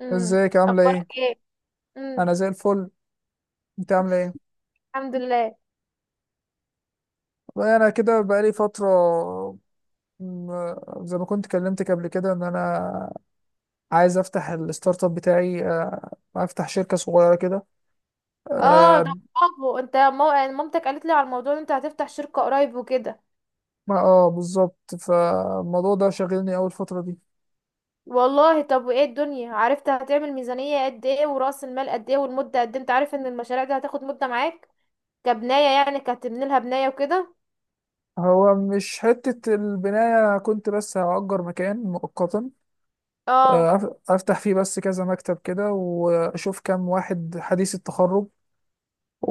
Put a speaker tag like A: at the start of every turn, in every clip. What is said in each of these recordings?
A: امم
B: ازيك عاملة
A: اخبارك
B: ايه؟
A: ايه؟ امم
B: أنا زي الفل، أنت عاملة ايه؟
A: الحمد لله.
B: والله أنا كده بقالي فترة. م- زي ما كنت كلمتك قبل كده إن أنا عايز أفتح الستارت اب بتاعي، أفتح شركة صغيرة كده.
A: اه، ده
B: اه.
A: برافو. انت يعني مامتك قالت لي على الموضوع ان انت هتفتح شركة قريب وكده.
B: بالظبط، فالموضوع ده شاغلني أول فترة دي.
A: والله، طب وايه الدنيا؟ عرفت هتعمل ميزانية قد ايه ورأس المال قد ايه والمدة قد ايه؟ انت عارف ان المشاريع دي هتاخد مدة معاك، كبناية يعني، كهتبني لها بناية وكده.
B: هو مش حتة البناية، أنا كنت بس هأجر مكان مؤقتا،
A: اه،
B: أفتح فيه بس كذا مكتب كده، وأشوف كام واحد حديث التخرج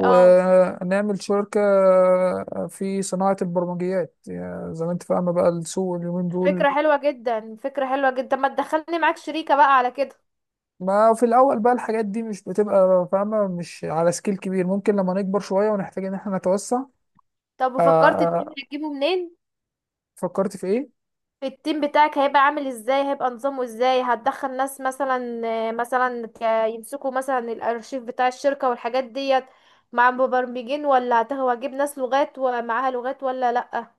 A: اه.
B: شركة، في صناعة البرمجيات، يعني زي ما انت فاهمة بقى السوق اليومين دول.
A: فكرة حلوة جدا، فكرة حلوة جدا. طب ما تدخلني معاك شريكة بقى على كده.
B: ما في الأول بقى الحاجات دي مش بتبقى فاهمة مش على سكيل كبير، ممكن لما نكبر شوية ونحتاج إن احنا نتوسع.
A: طب
B: آه،
A: وفكرت، التيم
B: آه،
A: هتجيبه منين؟
B: فكرت في إيه؟
A: التيم بتاعك هيبقى عامل ازاي؟ هيبقى نظامه ازاي؟ هتدخل ناس مثلا، مثلا يمسكوا مثلا الارشيف بتاع الشركة والحاجات ديت؟ مع مبرمجين، ولا هتجيب ناس لغات ومعاها لغات؟ ولا لأ؟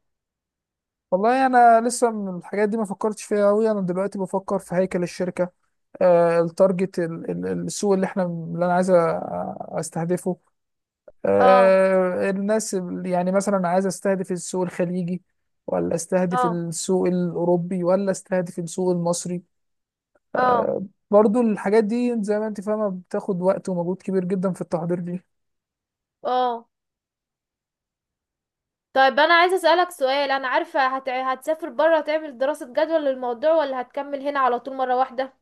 B: والله أنا لسه من الحاجات دي ما فكرتش فيها أوي، أنا دلوقتي بفكر في هيكل الشركة، التارجت، السوق اللي أنا عايز أستهدفه،
A: اه،
B: الناس، يعني مثلا عايز استهدف السوق الخليجي، ولا استهدف
A: اه،
B: السوق الأوروبي، ولا استهدف السوق المصري.
A: اه،
B: برضو الحاجات دي زي ما انت فاهمة بتاخد وقت ومجهود كبير جدا في التحضير دي.
A: اه. طيب انا عايزه اسالك سؤال، انا عارفه هتسافر بره تعمل دراسه جدوى للموضوع، ولا هتكمل هنا على طول مره واحده؟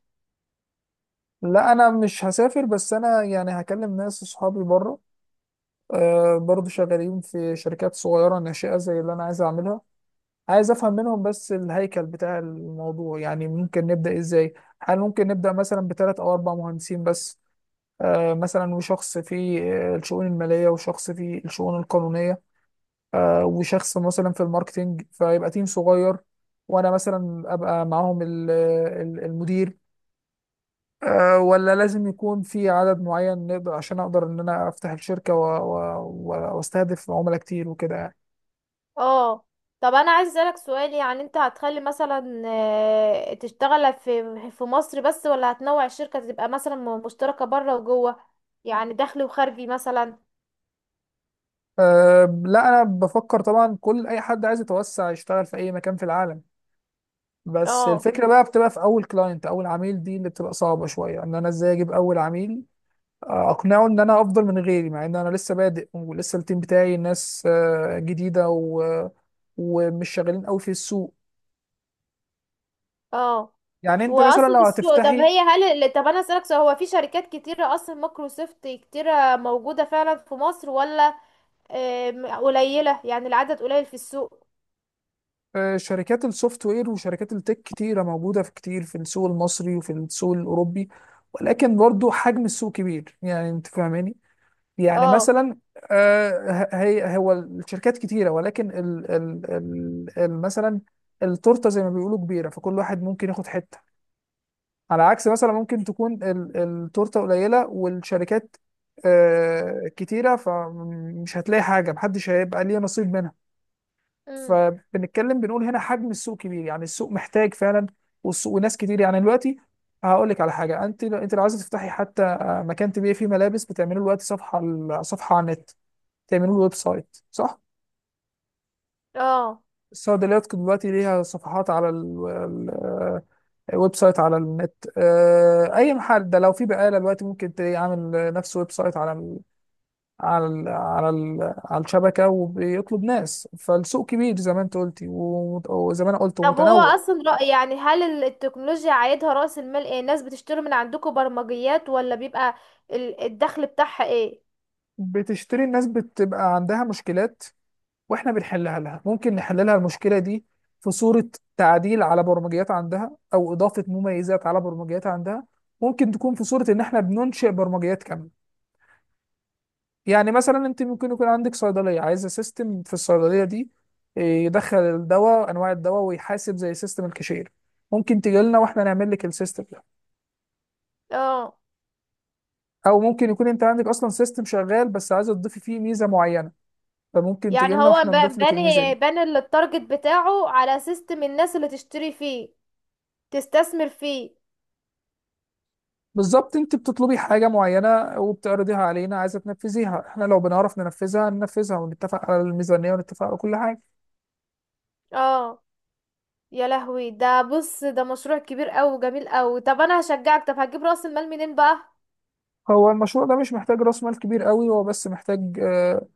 B: لا انا مش هسافر، بس انا يعني هكلم ناس اصحابي بره، برضو شغالين في شركات صغيرة ناشئة زي اللي انا عايز اعملها. عايز افهم منهم بس الهيكل بتاع الموضوع، يعني ممكن نبدأ ازاي؟ هل ممكن نبدأ مثلا بثلاث او اربع مهندسين بس، مثلا، وشخص في، الشؤون المالية، وشخص في الشؤون القانونية، وشخص مثلا في الماركتينج، فيبقى تيم صغير، وأنا مثلا أبقى معاهم المدير، ولا لازم يكون في عدد معين نقدر عشان أقدر إن أنا أفتح الشركة وأستهدف عملاء كتير وكده يعني.
A: اه. طب انا عايز اسالك سؤال، يعني انت هتخلي مثلا تشتغل في مصر بس، ولا هتنوع الشركه تبقى مثلا مشتركه بره وجوه، يعني داخلي وخارجي مثلا؟
B: لا أنا بفكر طبعا، أي حد عايز يتوسع يشتغل في أي مكان في العالم، بس
A: اه،
B: الفكرة بقى بتبقى في أول كلاينت، أول عميل، دي اللي بتبقى صعبة شوية، إن أنا إزاي أجيب أول عميل، اقنعه ان انا افضل من غيري، مع ان انا لسه بادئ ولسه التيم بتاعي ناس، جديده، ومش شغالين قوي في السوق.
A: اه،
B: يعني انت مثلا
A: واصل
B: لو
A: السوق. طب
B: هتفتحي،
A: هي هل طب انا اسالك سؤال، هو في شركات كتيره اصلا؟ مايكروسوفت كتيره موجوده فعلا في مصر، ولا قليله؟ يعني العدد قليل في السوق؟
B: شركات السوفت وير وشركات التك كتيره موجوده في كتير في السوق المصري وفي السوق الاوروبي، ولكن برضو حجم السوق كبير، يعني انت فاهماني، يعني
A: اه،
B: مثلا، آه، ه- هي هو الشركات كتيره ولكن مثلا التورته زي ما بيقولوا كبيره، فكل واحد ممكن ياخد حته، على عكس مثلا ممكن تكون التورته قليله والشركات كتيره، فمش هتلاقي حاجه، محدش هيبقى ليه نصيب منها.
A: امم،
B: فبنتكلم بنقول هنا حجم السوق كبير، يعني السوق محتاج فعلا، والسوق وناس كتير يعني دلوقتي. هقول لك على حاجه، انت لو عايزه تفتحي حتى، مكان تبيعي فيه ملابس، بتعملي له دلوقتي صفحه صفحه على النت، تعملي له ويب سايت، صح؟
A: اه.
B: الصيدليات دلوقتي ليها صفحات على ويب سايت على النت، اي محل ده، لو في بقاله دلوقتي ممكن تلاقيه عامل نفس ويب سايت على ال على ال على ال على الشبكه، وبيطلب ناس، فالسوق كبير زي ما انت قلتي وزي ما انا قلت،
A: طب هو
B: ومتنوع.
A: اصلا رأي، يعني هل التكنولوجيا عايدها رأس المال ايه؟ الناس بتشتري من عندكم برمجيات، ولا بيبقى الدخل بتاعها ايه؟
B: بتشتري، الناس بتبقى عندها مشكلات واحنا بنحلها لها. ممكن نحل لها المشكله دي في صوره تعديل على برمجيات عندها او اضافه مميزات على برمجيات عندها، ممكن تكون في صوره ان احنا بننشئ برمجيات كامله. يعني مثلا انت ممكن يكون عندك صيدليه عايزه سيستم في الصيدليه دي، يدخل الدواء، انواع الدواء، ويحاسب زي سيستم الكاشير، ممكن تجي لنا واحنا نعمل لك السيستم ده.
A: اه.
B: او ممكن يكون انت عندك اصلا سيستم شغال، بس عايزه تضيفي فيه ميزه معينه، فممكن تجي
A: يعني
B: لنا
A: هو
B: واحنا نضيف لك الميزه
A: باني
B: دي.
A: باني التارجت بتاعه على سيستم الناس اللي تشتري فيه، تستثمر فيه.
B: بالظبط، انت بتطلبي حاجه معينه وبتعرضيها علينا، عايزه تنفذيها، احنا لو بنعرف ننفذها ننفذها، ونتفق على الميزانيه ونتفق على كل حاجه.
A: اه. يا لهوي، ده بص، ده مشروع كبير قوي، جميل قوي. طب انا هشجعك. طب هتجيب رأس المال منين بقى؟
B: هو المشروع ده مش محتاج راس مال كبير قوي، هو بس محتاج، آه،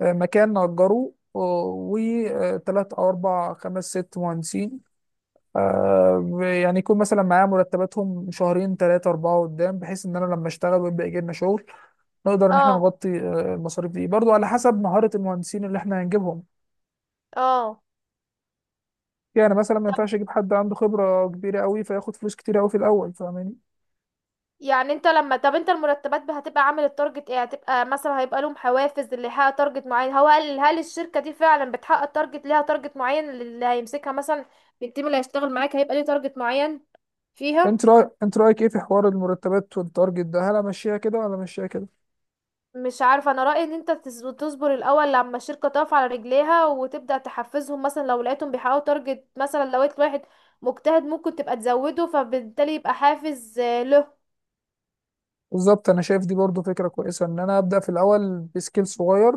B: آه، مكان نأجره، وثلاث أو أربع خمس ست مهندسين، يعني يكون مثلا معايا مرتباتهم شهرين ثلاثة أربعة قدام، بحيث إن أنا لما أشتغل ويبقى يجي لنا شغل نقدر إن إحنا
A: اه،
B: نغطي، المصاريف دي، برضو على حسب مهارة المهندسين اللي إحنا هنجيبهم.
A: اه.
B: يعني مثلا ما ينفعش أجيب حد عنده خبرة كبيرة قوي فياخد فلوس كتير قوي في الأول، فاهماني؟
A: يعني انت لما طب انت المرتبات هتبقى عامل التارجت ايه؟ هتبقى مثلا هيبقى لهم حوافز اللي يحقق تارجت معين؟ هو هل الشركة دي فعلا بتحقق تارجت؟ ليها تارجت معين اللي هيمسكها مثلا؟ التيم اللي هيشتغل معاك هيبقى ليه تارجت معين فيها؟
B: أنت رأيك إيه في حوار المرتبات والتارجت ده؟ هل أمشيها كده ولا أمشيها كده؟
A: مش عارفة، انا رأيي ان انت تصبر الاول لما الشركة تقف على رجليها، وتبدأ تحفزهم، مثلا لو لقيتهم بيحققوا تارجت، مثلا لو لقيت واحد مجتهد ممكن تبقى تزوده، فبالتالي يبقى حافز له.
B: بالظبط، أنا شايف دي برضو فكرة كويسة، إن أنا أبدأ في الأول بسكيل صغير،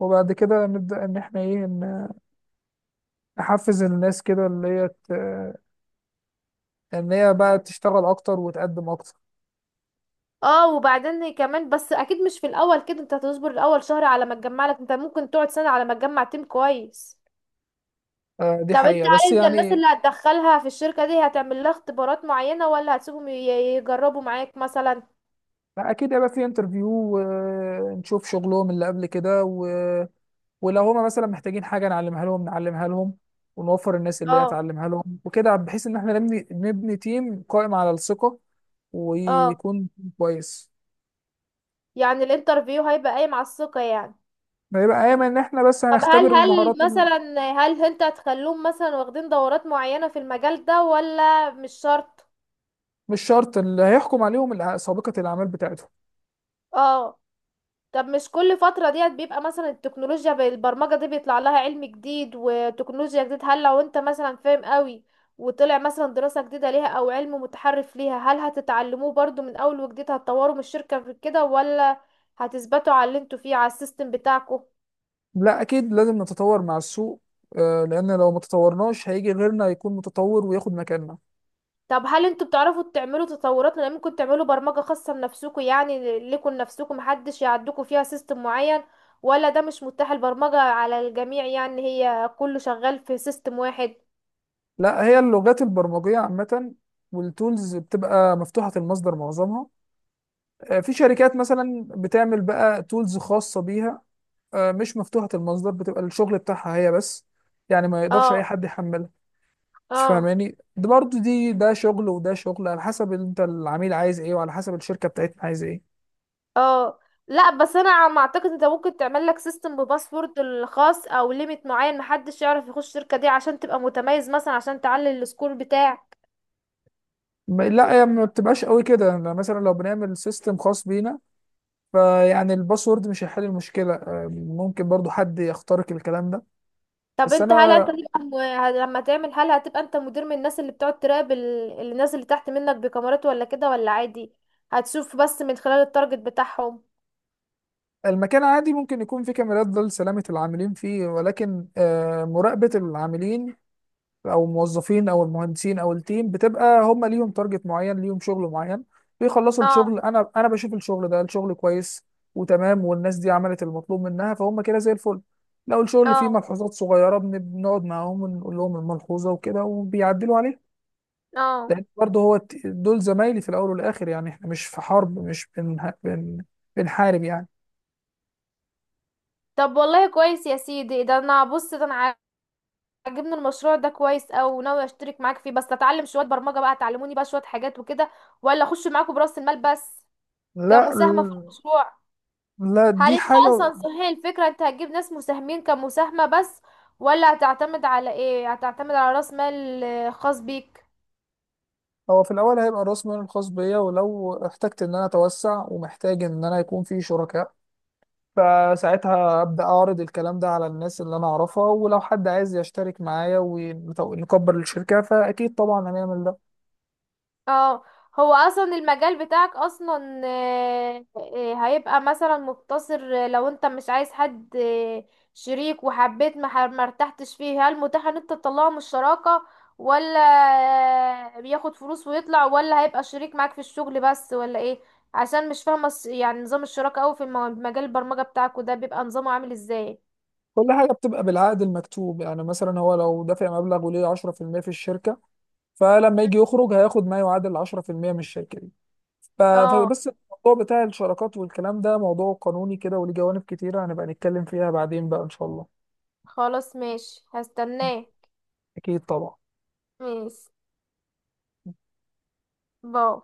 B: وبعد كده نبدأ إن إحنا إيه إن نحفز الناس كده، اللي هي إن هي بقى تشتغل أكتر وتقدم أكتر.
A: اه. وبعدين كمان، بس اكيد مش في الاول كده. انت هتصبر الاول شهر على ما تجمع لك، انت ممكن تقعد سنة على ما تجمع تيم كويس.
B: آه، دي
A: طب انت،
B: حقيقة بس
A: هل الناس
B: يعني.
A: اللي هتدخلها في الشركة دي، هتعمل لها اختبارات معينة، ولا هتسيبهم يجربوا معاك مثلا؟
B: أكيد هيبقى في انترفيو، ونشوف شغلهم اللي قبل كده، ولو هما مثلا محتاجين حاجة نعلمها لهم نعلمها لهم، ونوفر الناس اللي هي
A: اه،
B: هتعلمها لهم وكده، بحيث إن إحنا نبني نبني تيم قائم على الثقة،
A: اه.
B: ويكون كويس.
A: يعني الانترفيو هيبقى قايم على الثقة يعني.
B: ما يبقى أيما إن إحنا بس
A: طب، هل
B: هنختبر
A: هل
B: المهارات
A: مثلا هل انت هتخلوهم مثلا واخدين دورات معينة في المجال ده، ولا مش شرط؟
B: مش شرط اللي هيحكم عليهم سابقة الأعمال بتاعتهم.
A: اه. طب مش كل فترة ديت بيبقى مثلا التكنولوجيا بالبرمجة دي بيطلع لها علم جديد وتكنولوجيا جديد؟ هل لو انت مثلا فاهم قوي، وطلع مثلا دراسة جديدة ليها او علم متحرف ليها، هل هتتعلموه برضو من اول وجديد؟ هتطوروا من الشركة في كده، ولا هتثبتوا على اللي انتوا فيه على السيستم بتاعكم؟
B: لا اكيد لازم نتطور مع السوق، لان لو ما تطورناش هيجي غيرنا يكون متطور وياخد مكاننا.
A: طب هل انتوا بتعرفوا تعملوا تطورات؟ لان ممكن تعملوا برمجة خاصة بنفسكم، يعني ليكم لنفسكم محدش يعدكوا فيها سيستم معين؟ ولا ده مش متاح، البرمجة على الجميع يعني، هي كله شغال في سيستم واحد؟
B: لا، هي اللغات البرمجيه عامه، والتولز بتبقى مفتوحه المصدر معظمها، في شركات مثلا بتعمل بقى تولز خاصه بيها، مش مفتوحه المصدر، بتبقى الشغل بتاعها هي بس، يعني ما يقدرش اي
A: اه،
B: حد يحملها.
A: اه،
B: تفهماني؟ ده برضه دي، ده شغل وده شغل، على حسب انت العميل عايز ايه وعلى حسب الشركه بتاعتنا عايزه ايه.
A: اه. لا، بس انا عم اعتقد انت ممكن تعمل لك سيستم بباسورد الخاص، او ليميت معين محدش يعرف يخش الشركه دي، عشان تبقى متميز مثلا، عشان تعلي السكور بتاعك.
B: لا، هي ما بتبقاش قوي كده، يعني مثلا لو بنعمل سيستم خاص بينا، فيعني الباسورد مش هيحل المشكلة، ممكن برضو حد يخترق الكلام ده.
A: طب
B: بس
A: انت، هل
B: أنا
A: تبقى لما تعمل، هل هتبقى انت مدير من الناس اللي بتقعد تراقب الناس اللي تحت منك بكاميرات ولا كده، ولا عادي؟ هتشوف بس من خلال التارجت بتاعهم؟
B: المكان عادي ممكن يكون فيه كاميرات، ده لسلامة العاملين فيه، ولكن، مراقبة العاملين أو الموظفين أو المهندسين أو التيم، بتبقى هم ليهم تارجت معين، ليهم شغل معين، بيخلصوا
A: اه،
B: الشغل، أنا بشوف الشغل ده، الشغل كويس وتمام والناس دي عملت المطلوب منها، فهم كده زي الفل. لو الشغل فيه
A: اه،
B: ملحوظات صغيرة بنقعد معاهم ونقول لهم الملحوظة وكده، وبيعدلوا عليها.
A: اه.
B: لان برضه هو دول زمايلي في الاول والاخر، يعني احنا مش في حرب، مش بنحارب يعني.
A: طب والله كويس يا سيدي. ده انا بص، ده انا عجبني المشروع ده كويس، او ناوي اشترك معاك فيه. بس اتعلم شويه برمجه بقى، تعلموني بقى شويه حاجات وكده، ولا اخش معاكم براس المال بس،
B: لا
A: كمساهمه في
B: ال-
A: المشروع؟
B: لا،
A: هل
B: دي
A: انت
B: حاجه.
A: اصلا، صحيح الفكره، انت هتجيب ناس مساهمين كمساهمه بس، ولا هتعتمد على ايه؟ هتعتمد على راس مال خاص بيك؟
B: هو في الاول هيبقى راس مالي الخاص بيا، ولو احتجت ان انا اتوسع ومحتاج ان انا يكون في شركاء، فساعتها ابدا اعرض الكلام ده على الناس اللي انا اعرفها، ولو حد عايز يشترك معايا ونكبر الشركه فاكيد طبعا هنعمل ده.
A: اه. هو اصلا المجال بتاعك اصلا هيبقى مثلا مقتصر؟ لو انت مش عايز حد شريك، وحبيت ما ارتحتش فيه، هل متاح ان انت تطلعه من الشراكة، ولا بياخد فلوس ويطلع، ولا هيبقى شريك معاك في الشغل بس، ولا ايه؟ عشان مش فاهمة يعني نظام الشراكة اوي في مجال البرمجة بتاعك، وده بيبقى نظامه عامل ازاي.
B: كل حاجه بتبقى بالعقد المكتوب، يعني مثلا هو لو دافع مبلغ وليه 10% في المية في الشركه، فلما يجي يخرج هياخد ما يعادل 10% من الشركه دي.
A: اه،
B: فبس الموضوع بتاع الشراكات والكلام ده موضوع قانوني كده وليه جوانب كتيره، هنبقى نتكلم فيها بعدين بقى ان شاء الله.
A: خلاص ماشي، هستناه.
B: اكيد طبعا.
A: ماشي. باي.